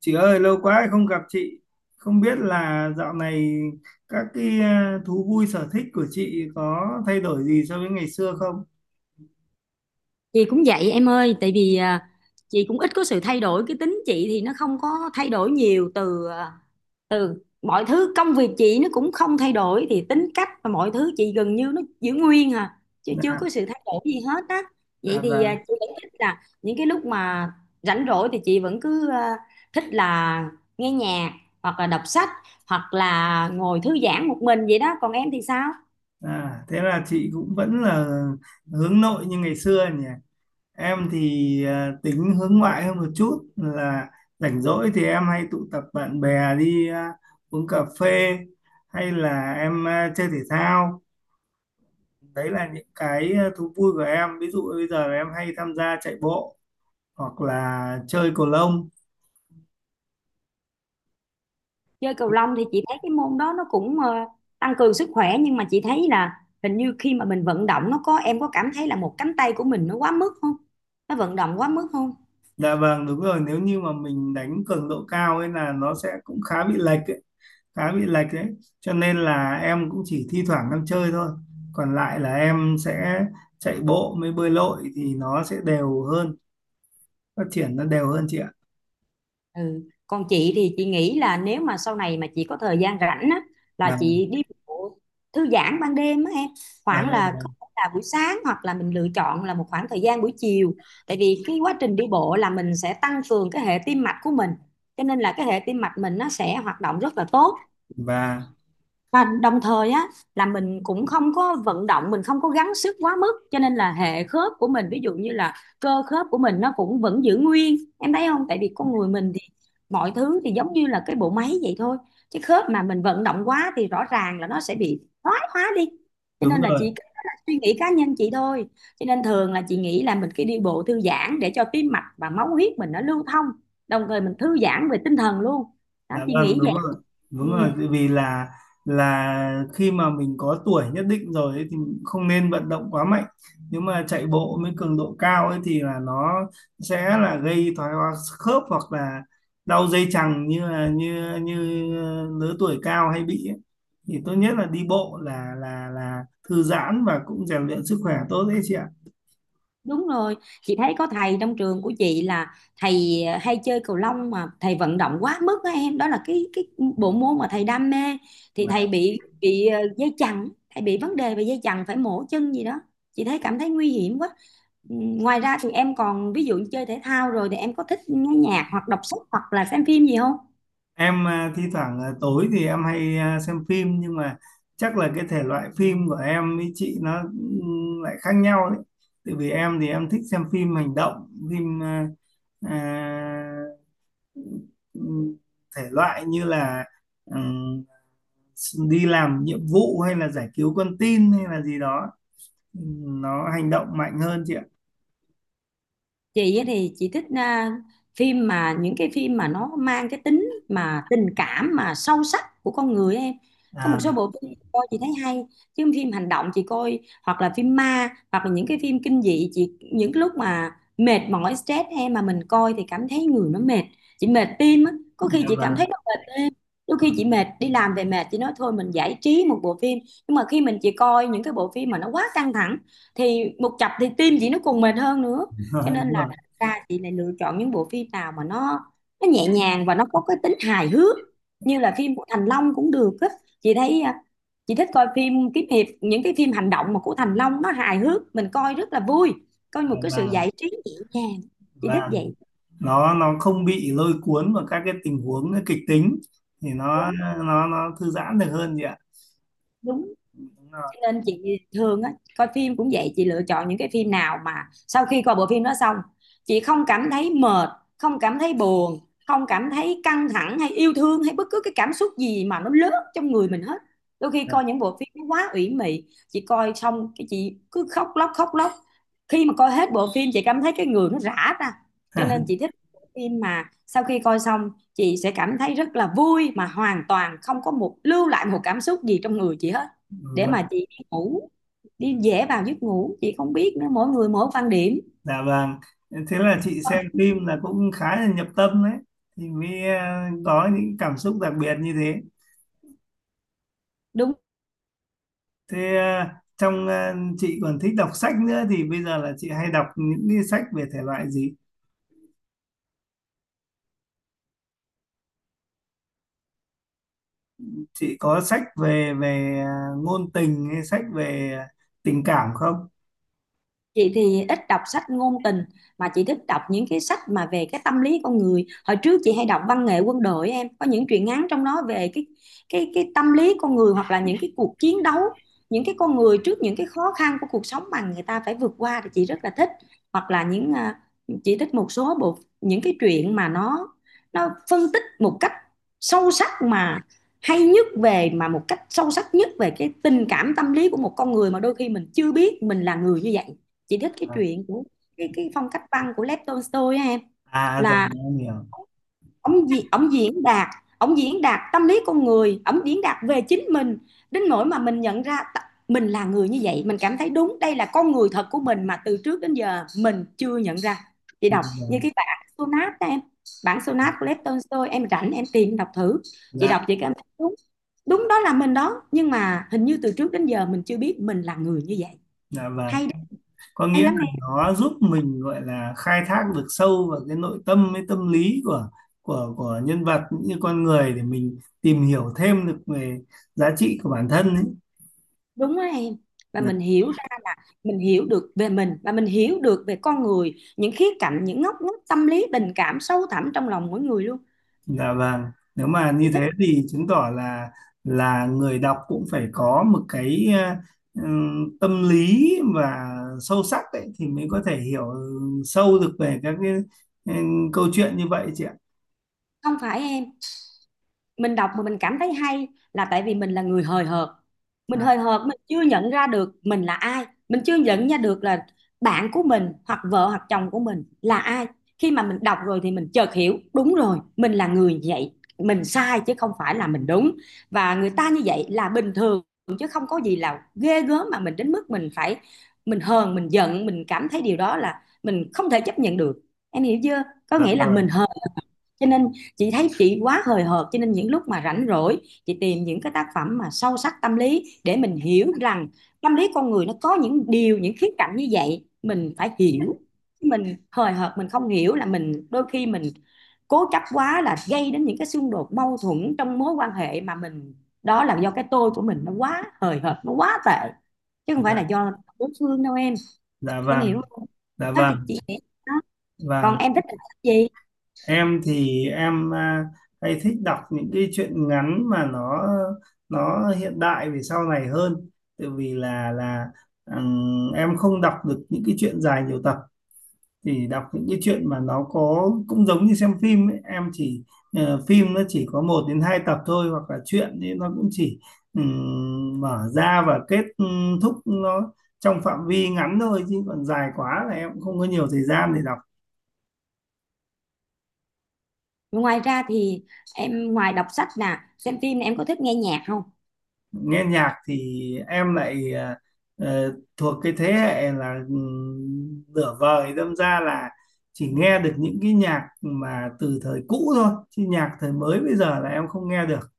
Chị ơi, lâu quá không gặp chị. Không biết là dạo này các thú vui sở thích của chị có thay đổi gì so với ngày xưa không? Chị cũng vậy em ơi. Tại vì chị cũng ít có sự thay đổi, cái tính chị thì nó không có thay đổi nhiều. Từ mọi thứ công việc chị nó cũng không thay đổi, thì tính cách và mọi thứ chị gần như nó giữ nguyên à, chứ chưa À, có sự thay đổi gì hết á. à Vậy thì và chị vẫn thích là những cái lúc mà rảnh rỗi thì chị vẫn cứ thích là nghe nhạc, hoặc là đọc sách, hoặc là ngồi thư giãn một mình vậy đó. Còn em thì sao? Thế là chị cũng vẫn là hướng nội như ngày xưa nhỉ. Em thì tính hướng ngoại hơn một chút là rảnh rỗi thì em hay tụ tập bạn bè đi uống cà phê hay là em chơi thể thao. Đấy là những thú vui của em. Ví dụ bây giờ là em hay tham gia chạy bộ hoặc là chơi cầu lông. Chơi cầu lông thì chị thấy cái môn đó nó cũng tăng cường sức khỏe, nhưng mà chị thấy là hình như khi mà mình vận động nó có, em có cảm thấy là một cánh tay của mình nó quá mức không, nó vận động quá mức không? Dạ vâng, đúng rồi, nếu như mà mình đánh cường độ cao ấy là nó sẽ cũng khá bị lệch ấy, khá bị lệch đấy, cho nên là em cũng chỉ thi thoảng em chơi thôi, còn lại là em sẽ chạy bộ mới bơi lội thì nó sẽ đều hơn, phát triển nó đều hơn chị ạ. Ừ, còn chị thì chị nghĩ là nếu mà sau này mà chị có thời gian rảnh á, là Và chị đi bộ thư giãn ban đêm á em, à, khoảng là có thể là buổi sáng, hoặc là mình lựa chọn là một khoảng thời gian buổi chiều. Tại vì cái quá trình đi bộ là mình sẽ tăng cường cái hệ tim mạch của mình, cho nên là cái hệ tim mạch mình nó sẽ hoạt động rất là tốt. và Và đồng thời á, là mình cũng không có vận động, mình không có gắng sức quá mức, cho nên là hệ khớp của mình, ví dụ như là cơ khớp của mình nó cũng vẫn giữ nguyên, em thấy không? Tại vì con người mình thì mọi thứ thì giống như là cái bộ máy vậy thôi, chứ khớp mà mình vận động quá thì rõ ràng là nó sẽ bị thoái hóa đi. Cho đúng nên là rồi. chị, cái đó là suy nghĩ cá nhân chị thôi, cho nên thường là chị nghĩ là mình cứ đi bộ thư giãn để cho tim mạch và máu huyết mình nó lưu thông, đồng thời mình thư giãn về tinh thần luôn. Đó, Dạ chị vâng, nghĩ đúng vậy. rồi, Ừ. đúng rồi, tại vì là khi mà mình có tuổi nhất định rồi ấy, thì mình cũng không nên vận động quá mạnh. Nếu mà chạy bộ với cường độ cao ấy thì là nó sẽ là gây thoái hóa khớp hoặc là đau dây chằng như là như như lứa tuổi cao hay bị ấy. Thì tốt nhất là đi bộ là thư giãn và cũng rèn luyện sức khỏe tốt đấy chị ạ. Đúng rồi, chị thấy có thầy trong trường của chị là thầy hay chơi cầu lông mà thầy vận động quá mức á em, đó là cái bộ môn mà thầy đam mê, thì thầy Dạ. bị dây chằng, thầy bị vấn đề về dây chằng, phải mổ chân gì đó. Chị thấy, cảm thấy nguy hiểm quá. Ừ, ngoài ra thì em còn, ví dụ như chơi thể thao rồi thì em có thích nghe nhạc hoặc đọc sách hoặc là xem phim gì không? Em thi thoảng tối thì em hay xem phim, nhưng mà chắc là cái thể loại phim của em với chị nó lại khác nhau đấy. Tại vì em thì em thích xem phim hành động, phim à, ừm, thể loại như là ừm, đi làm nhiệm vụ hay là giải cứu con tin hay là gì đó. Nó hành động mạnh hơn chị ạ. Chị á thì chị thích phim, mà những cái phim mà nó mang cái tính mà tình cảm mà sâu sắc của con người á em, có một số À, bộ phim chị coi chị thấy hay. Chứ phim hành động chị coi, hoặc là phim ma, hoặc là những cái phim kinh dị, chị những cái lúc mà mệt mỏi stress em, mà mình coi thì cảm thấy người nó mệt, chị mệt tim á, có khi dạ chị cảm vâng, thấy nó mệt tim. Đôi khi chị mệt, đi làm về mệt, chị nói thôi mình giải trí một bộ phim, nhưng mà khi chị coi những cái bộ phim mà nó quá căng thẳng thì một chập thì tim chị nó còn mệt hơn nữa. Cho nên đúng rồi, ra chị lại lựa chọn những bộ phim nào mà nó nhẹ nhàng và nó có cái tính hài hước, như là phim của Thành Long cũng được á. Chị thấy chị thích coi phim kiếm hiệp, những cái phim hành động mà của Thành Long nó hài hước, mình coi rất là vui, coi một dạ cái sự vâng, giải trí nhẹ nhàng. Chị thích vâng. vậy. Nó không bị lôi cuốn vào các cái tình huống kịch tính thì nó Đúng, nó nó thư giãn được hơn chị ạ. đúng. Đúng rồi. Cho nên chị thường á, coi phim cũng vậy, chị lựa chọn những cái phim nào mà sau khi coi bộ phim đó xong, chị không cảm thấy mệt, không cảm thấy buồn, không cảm thấy căng thẳng hay yêu thương hay bất cứ cái cảm xúc gì mà nó lớn trong người mình hết. Đôi khi coi những bộ phim nó quá ủy mị, chị coi xong cái chị cứ khóc lóc khóc lóc. Khi mà coi hết bộ phim, chị cảm thấy cái người nó rã ra. Cho Dạ. nên chị thích bộ phim mà sau khi coi xong, chị sẽ cảm thấy rất là vui, mà hoàn toàn không có một lưu lại một cảm xúc gì trong người chị hết, để Vâng, mà chị ngủ, đi dễ vào giấc ngủ. Chị không biết nữa, mỗi người mỗi quan điểm. dạ vâng, thế là chị xem phim là cũng khá là nhập tâm đấy, thì mới có những cảm xúc đặc biệt như thế. Đúng. thế ờ, trong ờ, chị còn thích đọc sách nữa, thì bây giờ là chị hay đọc những cái sách về thể loại gì, chị có sách về về ờ, ngôn tình hay sách về tình cảm không? Chị thì ít đọc sách ngôn tình, mà chị thích đọc những cái sách mà về cái tâm lý con người. Hồi trước chị hay đọc văn nghệ quân đội em, có những truyện ngắn trong đó về cái tâm lý con người, hoặc là những cái cuộc chiến đấu, những cái con người trước những cái khó khăn của cuộc sống mà người ta phải vượt qua, thì chị rất là thích. Hoặc là những chị thích một số bộ, những cái truyện mà nó phân tích một cách sâu sắc, mà hay nhất về, mà một cách sâu sắc nhất về cái tình cảm, tâm lý của một con người mà đôi khi mình chưa biết mình là người như vậy. Chị thích cái chuyện của cái phong cách văn của Lev Tolstoy á em, À rồi là em hiểu. ông gì, ông diễn đạt tâm lý con người, ông diễn đạt về chính mình đến nỗi mà mình nhận ra mình là người như vậy. Mình cảm thấy đúng, đây là con người thật của mình mà từ trước đến giờ mình chưa nhận ra. Chị Dạ đọc như vâng. cái bản Sonat đó em, bản Sonat của Lev Tolstoy, em rảnh em tìm đọc thử. Chị Dạ, đọc chị cảm thấy đúng, đúng đó là mình đó, nhưng mà hình như từ trước đến giờ mình chưa biết mình là người như vậy. dạ vâng. Hay đấy, Có nghĩa hay lắm. là nó giúp mình gọi là khai thác được sâu vào cái nội tâm với tâm lý của của nhân vật cũng như con người, để mình tìm hiểu thêm được về giá trị của bản thân ấy. Đúng á em, và Dạ, mình hiểu ra là mình hiểu được về mình, và mình hiểu được về con người, những khía cạnh, những ngóc ngách tâm lý tình cảm sâu thẳm trong lòng mỗi người luôn. dạ vâng. Nếu mà Chị như thích. thế thì chứng tỏ là người đọc cũng phải có một cái tâm lý và sâu sắc ấy thì mới có thể hiểu sâu được về các cái câu chuyện như vậy chị ạ. Không phải em, mình đọc mà mình cảm thấy hay là tại vì mình là người hời hợt. Mình À, hời hợt, mình chưa nhận ra được mình là ai, mình chưa nhận ra được là bạn của mình, hoặc vợ hoặc chồng của mình là ai. Khi mà mình đọc rồi thì mình chợt hiểu, đúng rồi, mình là người vậy, mình sai chứ không phải là mình đúng, và người ta như vậy là bình thường, chứ không có gì là ghê gớm mà mình đến mức mình phải, mình hờn mình giận, mình cảm thấy điều đó là mình không thể chấp nhận được. Em hiểu chưa? Có dạ nghĩa là rồi. mình hờn. Cho nên chị thấy chị quá hời hợt, cho nên những lúc mà rảnh rỗi chị tìm những cái tác phẩm mà sâu sắc tâm lý để mình hiểu rằng tâm lý con người nó có những điều, những khía cạnh như vậy, mình phải hiểu. Mình hời hợt, mình không hiểu là mình đôi khi mình cố chấp quá, là gây đến những cái xung đột mâu thuẫn trong mối quan hệ mà mình, đó là do cái tôi của mình nó quá hời hợt, nó quá tệ, chứ không phải là Dạ, do đối phương đâu em. dạ Em vâng. hiểu không? Dạ Đó, thì vâng. chị nghĩ, đó, còn Vâng, em thích làm gì? em thì em hay thích đọc những cái truyện ngắn mà nó hiện đại về sau này hơn, tại vì là em không đọc được những cái truyện dài nhiều tập, thì đọc những cái truyện mà nó có cũng giống như xem phim ấy. Em chỉ phim nó chỉ có một đến hai tập thôi, hoặc là truyện thì nó cũng chỉ mở ra và kết thúc nó trong phạm vi ngắn thôi, chứ còn dài quá là em cũng không có nhiều thời gian để đọc. Ngoài ra thì em, ngoài đọc sách nè, xem phim nè, em có thích nghe nhạc không? Nghe nhạc thì em lại thuộc cái thế hệ là nửa vời, đâm ra là chỉ nghe được những cái nhạc mà từ thời cũ thôi, chứ nhạc thời mới bây giờ là em không nghe được.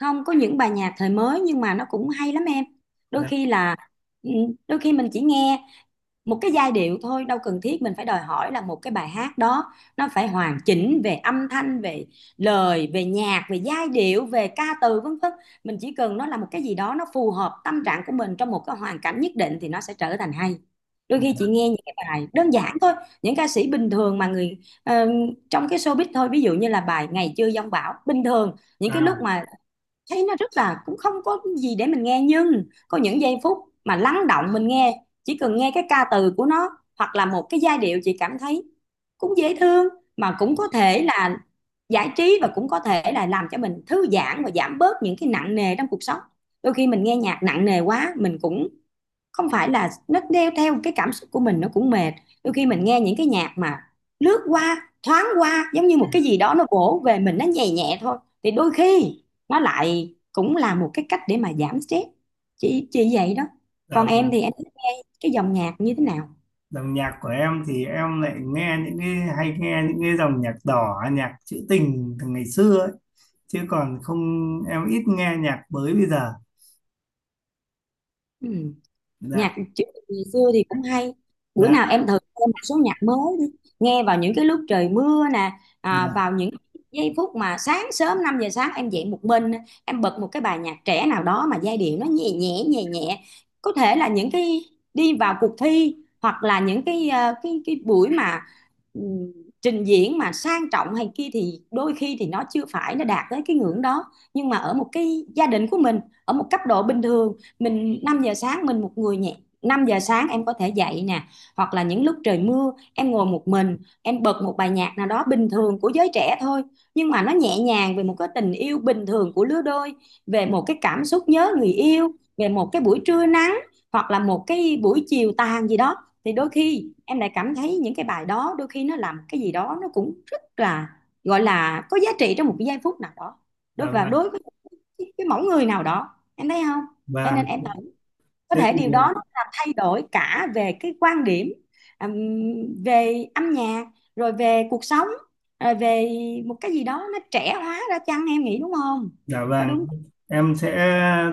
Không, có những bài nhạc thời mới nhưng mà nó cũng hay lắm em. Đôi Đấy. khi là ừ, đôi khi mình chỉ nghe một cái giai điệu thôi, đâu cần thiết mình phải đòi hỏi là một cái bài hát đó nó phải hoàn chỉnh về âm thanh, về lời, về nhạc, về giai điệu, về ca từ vân vân. Mình chỉ cần nó là một cái gì đó nó phù hợp tâm trạng của mình trong một cái hoàn cảnh nhất định thì nó sẽ trở thành hay. Đôi khi chị nghe những cái bài đơn giản thôi, những ca sĩ bình thường mà người ờ, trong cái showbiz thôi, ví dụ như là bài Ngày Chưa Giông Bão, bình thường những cái lúc à mà thấy nó rất là cũng không có gì để mình nghe, nhưng có những giây phút mà lắng động mình nghe, chỉ cần nghe cái ca từ của nó hoặc là một cái giai điệu, chị cảm thấy cũng dễ thương, mà cũng có thể là giải trí, và cũng có thể là làm cho mình thư giãn và giảm bớt những cái nặng nề trong cuộc sống. Đôi khi mình nghe nhạc nặng nề quá mình cũng không phải là, nó đeo theo cái cảm xúc của mình nó cũng mệt. Đôi khi mình nghe những cái nhạc mà lướt qua, thoáng qua, giống như một cái gì đó nó vỗ về mình, nó nhẹ nhẹ thôi, thì đôi khi nó lại cũng là một cái cách để mà giảm stress. Chị vậy đó. Còn dòng, em thì em thích nghe cái dòng nhạc như thế nào? Dòng nhạc của em thì em lại nghe những cái dòng nhạc đỏ, nhạc trữ tình từ ngày xưa ấy, chứ còn không em ít nghe nhạc mới bây giờ. Ừ. Dạ. Nhạc trữ ngày xưa thì cũng hay. Bữa Dạ. nào em thử thêm một số nhạc mới đi, nghe vào những cái lúc trời mưa nè, Dạ. vào những giây phút mà sáng sớm, 5 giờ sáng em dậy một mình, em bật một cái bài nhạc trẻ nào đó mà giai điệu nó nhẹ nhẹ nhẹ nhẹ. Có thể là những cái đi vào cuộc thi hoặc là những cái cái buổi mà ừm, trình diễn mà sang trọng hay kia, thì đôi khi thì nó chưa phải, nó đạt tới cái ngưỡng đó. Nhưng mà ở một cái gia đình của mình, ở một cấp độ bình thường, mình 5 giờ sáng mình một người nhẹ, 5 giờ sáng em có thể dậy nè, hoặc là những lúc trời mưa em ngồi một mình, em bật một bài nhạc nào đó bình thường của giới trẻ thôi, nhưng mà nó nhẹ nhàng về một cái tình yêu bình thường của lứa đôi, về một cái cảm xúc nhớ người yêu, về một cái buổi trưa nắng hoặc là một cái buổi chiều tàn gì đó, thì đôi khi em lại cảm thấy những cái bài đó, đôi khi nó làm cái gì đó nó cũng rất là, gọi là có giá trị trong một cái giây phút nào đó, đối Dạ và vâng. đối với cái mẫu người nào đó, em thấy không? Cho nên Vâng, em có thế thể thì. điều đó nó làm thay đổi cả về cái quan điểm, ừm, về âm nhạc, rồi về cuộc sống, rồi về một cái gì đó nó trẻ hóa ra chăng, em nghĩ đúng không? Dạ Có vâng, đúng không? em sẽ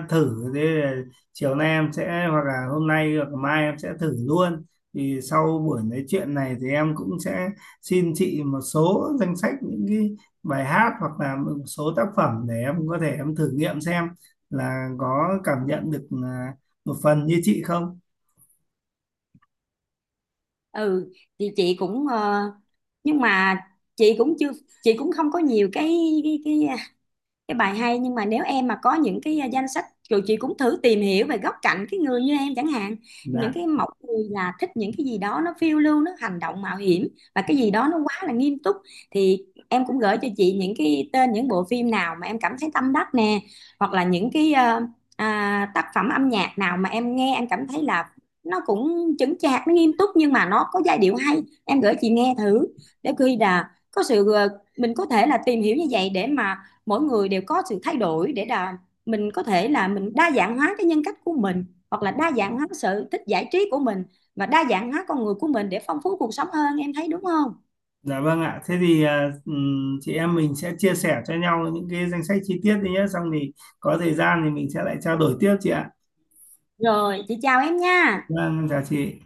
thử, thế là chiều nay em sẽ hoặc là hôm nay hoặc mai em sẽ thử luôn. Thì sau buổi nói chuyện này thì em cũng sẽ xin chị một số danh sách những cái bài hát hoặc là một số tác phẩm để em có thể em thử nghiệm xem là có cảm nhận được một phần như chị không. Ừ, thì chị cũng nhưng mà chị cũng chưa, chị cũng không có nhiều cái, cái, cái cái bài hay, nhưng mà nếu em mà có những cái danh sách rồi, chị cũng thử tìm hiểu về góc cạnh cái người như em chẳng hạn. Những Dạ, cái mẫu người là thích những cái gì đó nó phiêu lưu, nó hành động mạo hiểm, và cái gì đó nó quá là nghiêm túc, thì em cũng gửi cho chị những cái tên những bộ phim nào mà em cảm thấy tâm đắc nè, hoặc là những cái tác phẩm âm nhạc nào mà em nghe em cảm thấy là nó cũng chững chạc, nó nghiêm túc, nhưng mà nó có giai điệu hay, em gửi chị nghe thử, để khi là có sự mình có thể là tìm hiểu như vậy, để mà mỗi người đều có sự thay đổi, để là mình có thể là mình đa dạng hóa cái nhân cách của mình, hoặc là đa dạng hóa sở thích giải trí của mình, và đa dạng hóa con người của mình để phong phú cuộc sống hơn, em thấy đúng không? dạ vâng ạ. Thế thì chị em mình sẽ chia sẻ cho nhau những cái danh sách chi tiết đi nhé. Xong thì có thời gian thì mình sẽ lại trao đổi tiếp chị ạ. Rồi, chị chào em nha. Vâng, chào chị.